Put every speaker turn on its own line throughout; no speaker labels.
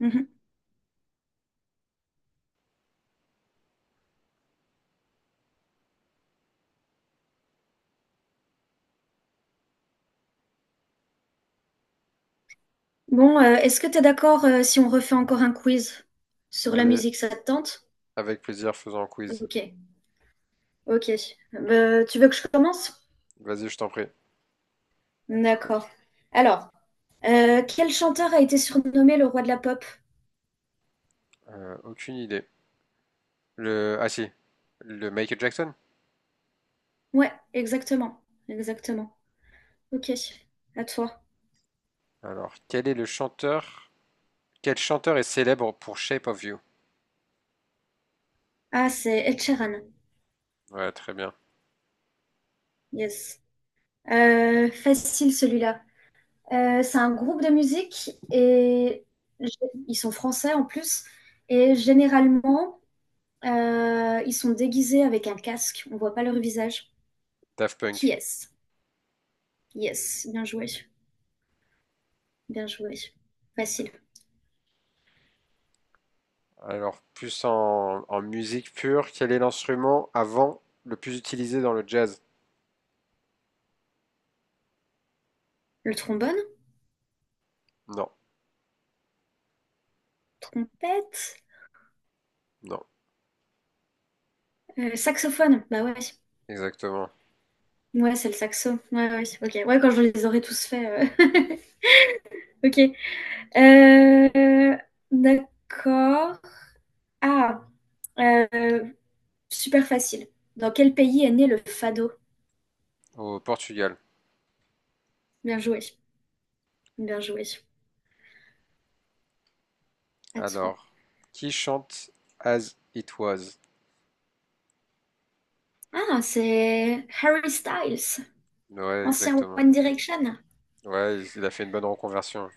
Mhm. Bon, est-ce que tu es d'accord si on refait encore un quiz sur la
Allez,
musique, ça te tente?
avec plaisir, faisons un quiz.
Ok, ok. Tu veux que je commence?
Vas-y, je t'en prie.
D'accord. Alors, quel chanteur a été surnommé le roi de la pop?
Aucune idée. Le... Ah si, le Michael Jackson.
Ouais, exactement, exactement. Ok, à toi.
Alors, quel est le chanteur... Quel chanteur est célèbre pour Shape of You?
Ah, c'est Ed Sheeran.
Ouais, très bien.
Yes. Facile celui-là. C'est un groupe de musique et g- ils sont français en plus. Et généralement, ils sont déguisés avec un casque, on voit pas leur visage.
Daft
Qui
Punk.
est-ce? Yes, bien joué, bien joué. Facile.
Alors, en musique pure, quel est l'instrument avant le plus utilisé dans le jazz?
Le trombone?
Non,
Trompette?
non,
Saxophone? Bah ouais.
exactement.
Ouais, c'est le saxo. Ouais, ouais, ok. Ouais, quand je les aurai tous faits. Ok. Euh, D'accord. Ah, euh, super facile. Dans quel pays est né le fado?
Au Portugal.
Bien joué, bien joué. À toi.
Alors, qui chante As It Was?
Ah, c'est Harry Styles.
Ouais,
Ancien
exactement.
One Direction?
Ouais, il a fait une bonne reconversion.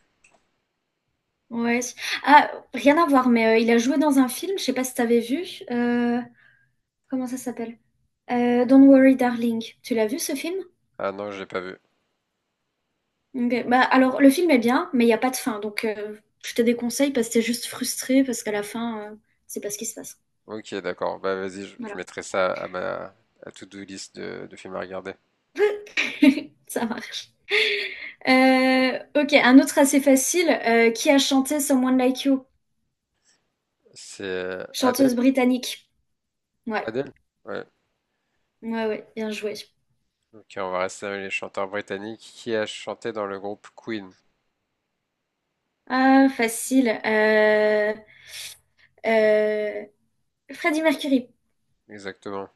Ouais. Ah, rien à voir, mais il a joué dans un film, je sais pas si t'avais vu. euh, Comment ça s'appelle? Don't Worry Darling. Tu l'as vu ce film?
Ah non, je l'ai pas vu.
Ok. Bah, alors, le film est bien, mais il n'y a pas de fin. Donc, je te déconseille parce que t'es juste frustré parce qu'à la fin, c'est pas ce qui se passe.
Ok, d'accord. Bah vas-y, je
Voilà.
mettrai ça à ma à to-do list de films à regarder.
Ça marche. Ok, un autre assez facile. Qui a chanté Someone Like You?
C'est
Chanteuse
Adele?
britannique. Ouais,
Adele? Ouais.
ouais, ouais, bien joué.
Ok, on va rester avec les chanteurs britanniques. Qui a chanté dans le groupe Queen?
Ah, facile. Euh, Freddie Mercury.
Exactement.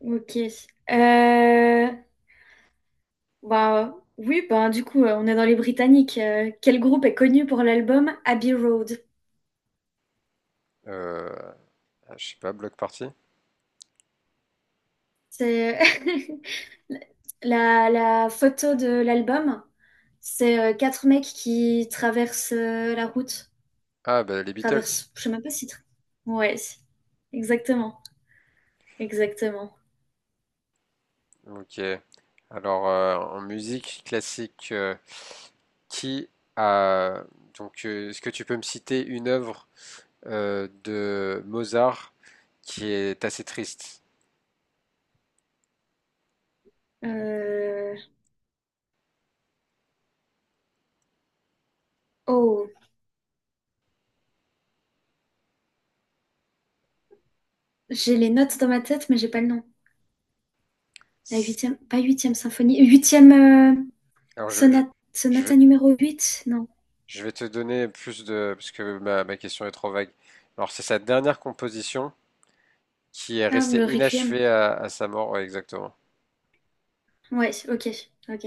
Ok. Euh, Bah, oui, bah, du coup, on est dans les Britanniques. Quel groupe est connu pour l'album Abbey Road?
Euh, ah, je sais pas, Block Party?
C'est la photo de l'album. C'est quatre mecs qui traversent la route.
Ah, bah les Beatles.
Traversent, je sais même pas si... Ouais, si. Exactement. Exactement.
Ok. Alors, en musique classique, qui a... Donc, est-ce que tu peux me citer une œuvre de Mozart qui est assez triste?
Euh, Oh, j'ai les notes dans ma tête, mais j'ai pas le nom. La
C'est-
huitième, pas huitième symphonie, huitième
Alors,
sonate,
je
sonata numéro huit non.
je vais te donner plus de... Parce que ma question est trop vague. Alors, c'est sa dernière composition qui est
Ah,
restée
le Requiem.
inachevée à sa mort. Ouais, exactement.
Ouais, ok, ok,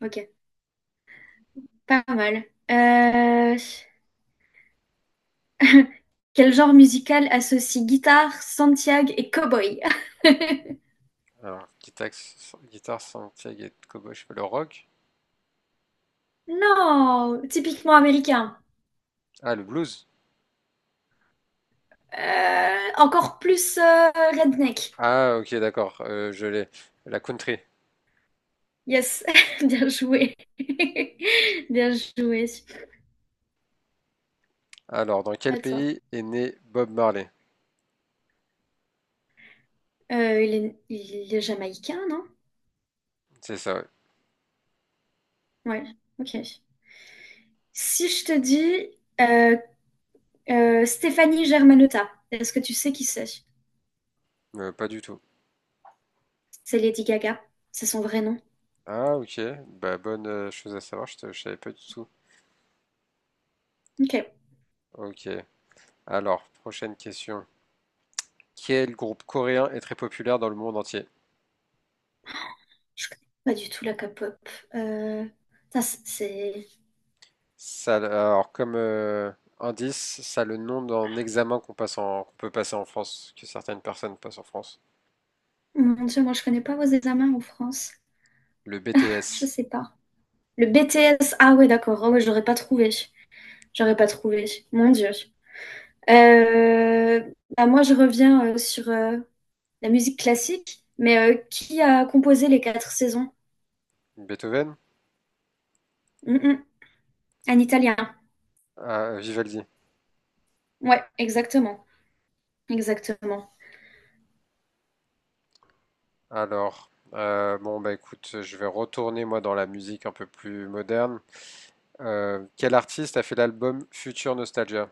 ok. Pas mal. Euh, quel genre musical associe guitare, Santiago et cowboy?
Alors, guitare, guitare Santiago et Kobo, je sais pas, le rock?
Non, typiquement américain.
Ah, le blues?
Encore plus redneck.
Ah, ok, d'accord. Je l'ai. La country.
Yes, bien joué. Bien joué.
Alors, dans quel
Attends.
pays est né Bob Marley?
Il est jamaïcain, non?
C'est ça, ouais.
Ouais, ok. Si je te dis euh, Stéphanie Germanotta, est-ce que tu sais qui c'est?
Pas du tout.
C'est Lady Gaga. C'est son vrai nom.
Ah, ok. Bah, bonne chose à savoir. Je savais pas du tout.
Ok.
Ok. Alors, prochaine question. Quel groupe coréen est très populaire dans le monde entier?
Je connais pas du tout la K-pop. Euh, Putain, c'est...
Ça, alors comme indice, ça a le nom d'un examen qu'on peut passer en France, que certaines personnes passent en France.
Mon Dieu, moi je connais pas vos examens en France.
Le
Je
BTS.
sais pas. Le BTS. Ah ouais, d'accord. Ah ouais, j'aurais pas trouvé. J'aurais pas trouvé. Mon Dieu. Euh, Bah, moi je reviens sur la musique classique. Mais qui a composé les quatre saisons?
Beethoven?
Mm, mm. Un Italien.
Ah, Vivaldi.
Ouais, exactement. Exactement.
Alors, bon bah écoute, je vais retourner moi dans la musique un peu plus moderne. Quel artiste a fait l'album Future Nostalgia?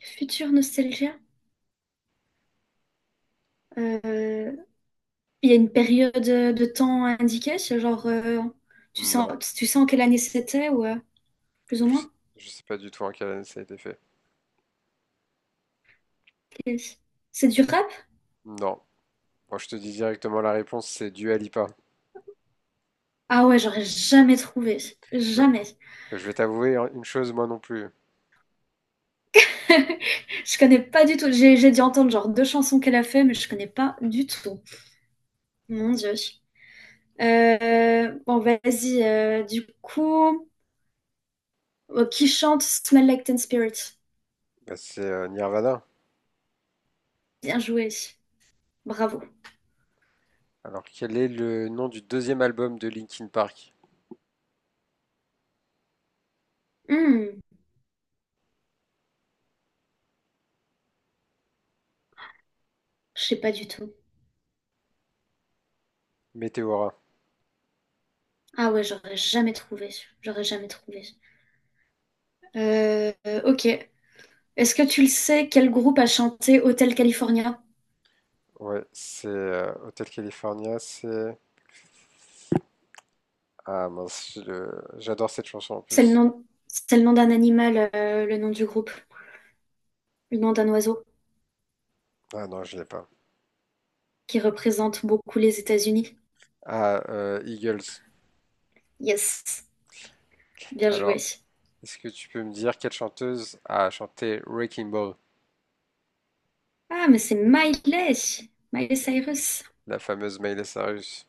Future nostalgia. euh, Il y a une période de temps indiquée, c'est genre tu sens
Non,
tu sens quelle année c'était ou plus ou
je sais,
moins?
je sais pas du tout en quelle année ça a été fait.
C'est du rap?
Non, moi je te dis directement la réponse, c'est Dua Lipa.
Ah ouais, j'aurais jamais trouvé.
Ouais.
Jamais.
Je vais t'avouer hein, une chose, moi non plus.
Je connais pas du tout. J'ai dû entendre genre deux chansons qu'elle a fait, mais je connais pas du tout. Mon Dieu. Bon, vas-y. Du coup, qui chante Smell Like Teen Spirit?
Bah, c'est Nirvana.
Bien joué. Bravo.
Alors, quel est le nom du deuxième album de Linkin Park?
Hmm, je sais pas du tout.
Meteora.
Ah ouais, j'aurais jamais trouvé. J'aurais jamais trouvé. Ok. Est-ce que tu le sais, quel groupe a chanté Hotel California?
Ouais, c'est Hotel California, c'est... Ah mince, j'adore cette chanson en plus.
C'est le nom d'un animal, le nom du groupe, le nom d'un oiseau
Ah non, je l'ai pas.
qui représente beaucoup les États-Unis.
Ah, Eagles.
Yes, bien joué.
Alors, est-ce que tu peux me dire quelle chanteuse a chanté Wrecking Ball,
Ah, mais c'est Miley, Miley Cyrus.
la fameuse Miley Cyrus?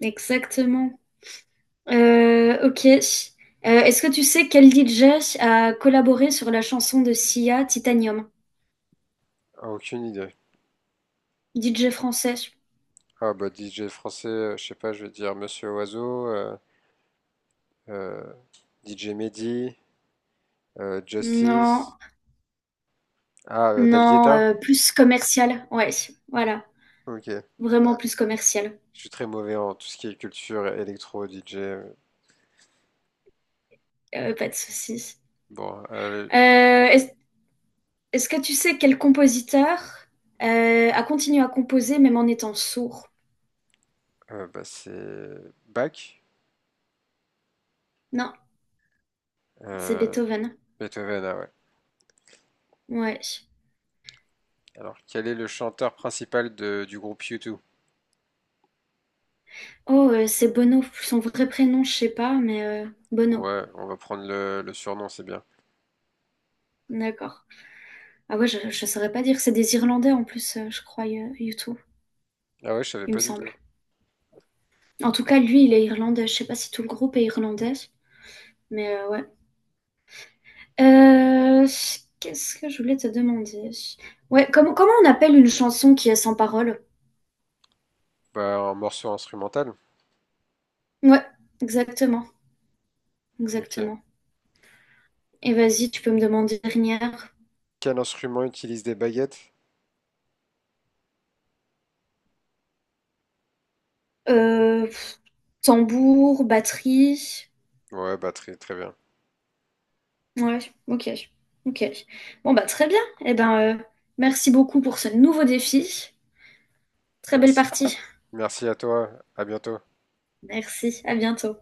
Exactement. Ok. Est-ce que tu sais quel DJ a collaboré sur la chanson de Sia, Titanium?
Ah, aucune idée.
DJ français?
Ah bah DJ français, je sais pas, je vais dire Monsieur Oiseau, euh, DJ Mehdi, Justice.
Non.
Ah, David
Non,
Guetta?
plus commercial, ouais, voilà,
Ok.
vraiment plus commercial,
Je suis très mauvais en tout ce qui est culture, électro, DJ.
pas de souci.
Bon,
Heu, est-ce est-ce que tu sais quel compositeur, a continué à composer même en étant sourd?
bah, c'est Bach,
Non, c'est
euh,
Beethoven,
Beethoven, ah ouais.
ouais.
Alors, quel est le chanteur principal du groupe U2?
Oh, c'est Bono, son vrai prénom, je sais pas, mais Bono,
Ouais, on va prendre le surnom, c'est bien.
d'accord. Ah ouais, je saurais pas dire, c'est des Irlandais en plus, je crois, U U2,
Ah ouais, je savais
il me
pas du
semble.
tout.
En tout cas, lui, il est irlandais, je sais pas si tout le groupe est irlandais, mais ouais. Euh, qu'est-ce que je voulais te demander? Ouais, comment on appelle une chanson qui est sans parole?
Bah, un morceau instrumental.
Ouais, exactement,
Ok.
exactement. Et vas-y, tu peux me demander une dernière.
Quel instrument utilise des baguettes?
Euh, pff, tambour, batterie.
Ouais, bah très très bien.
Ouais, ok, ok. Bon bah très bien. Eh ben, merci beaucoup pour ce nouveau défi. Très belle
Merci.
partie.
Merci à toi. À bientôt.
Merci, à bientôt.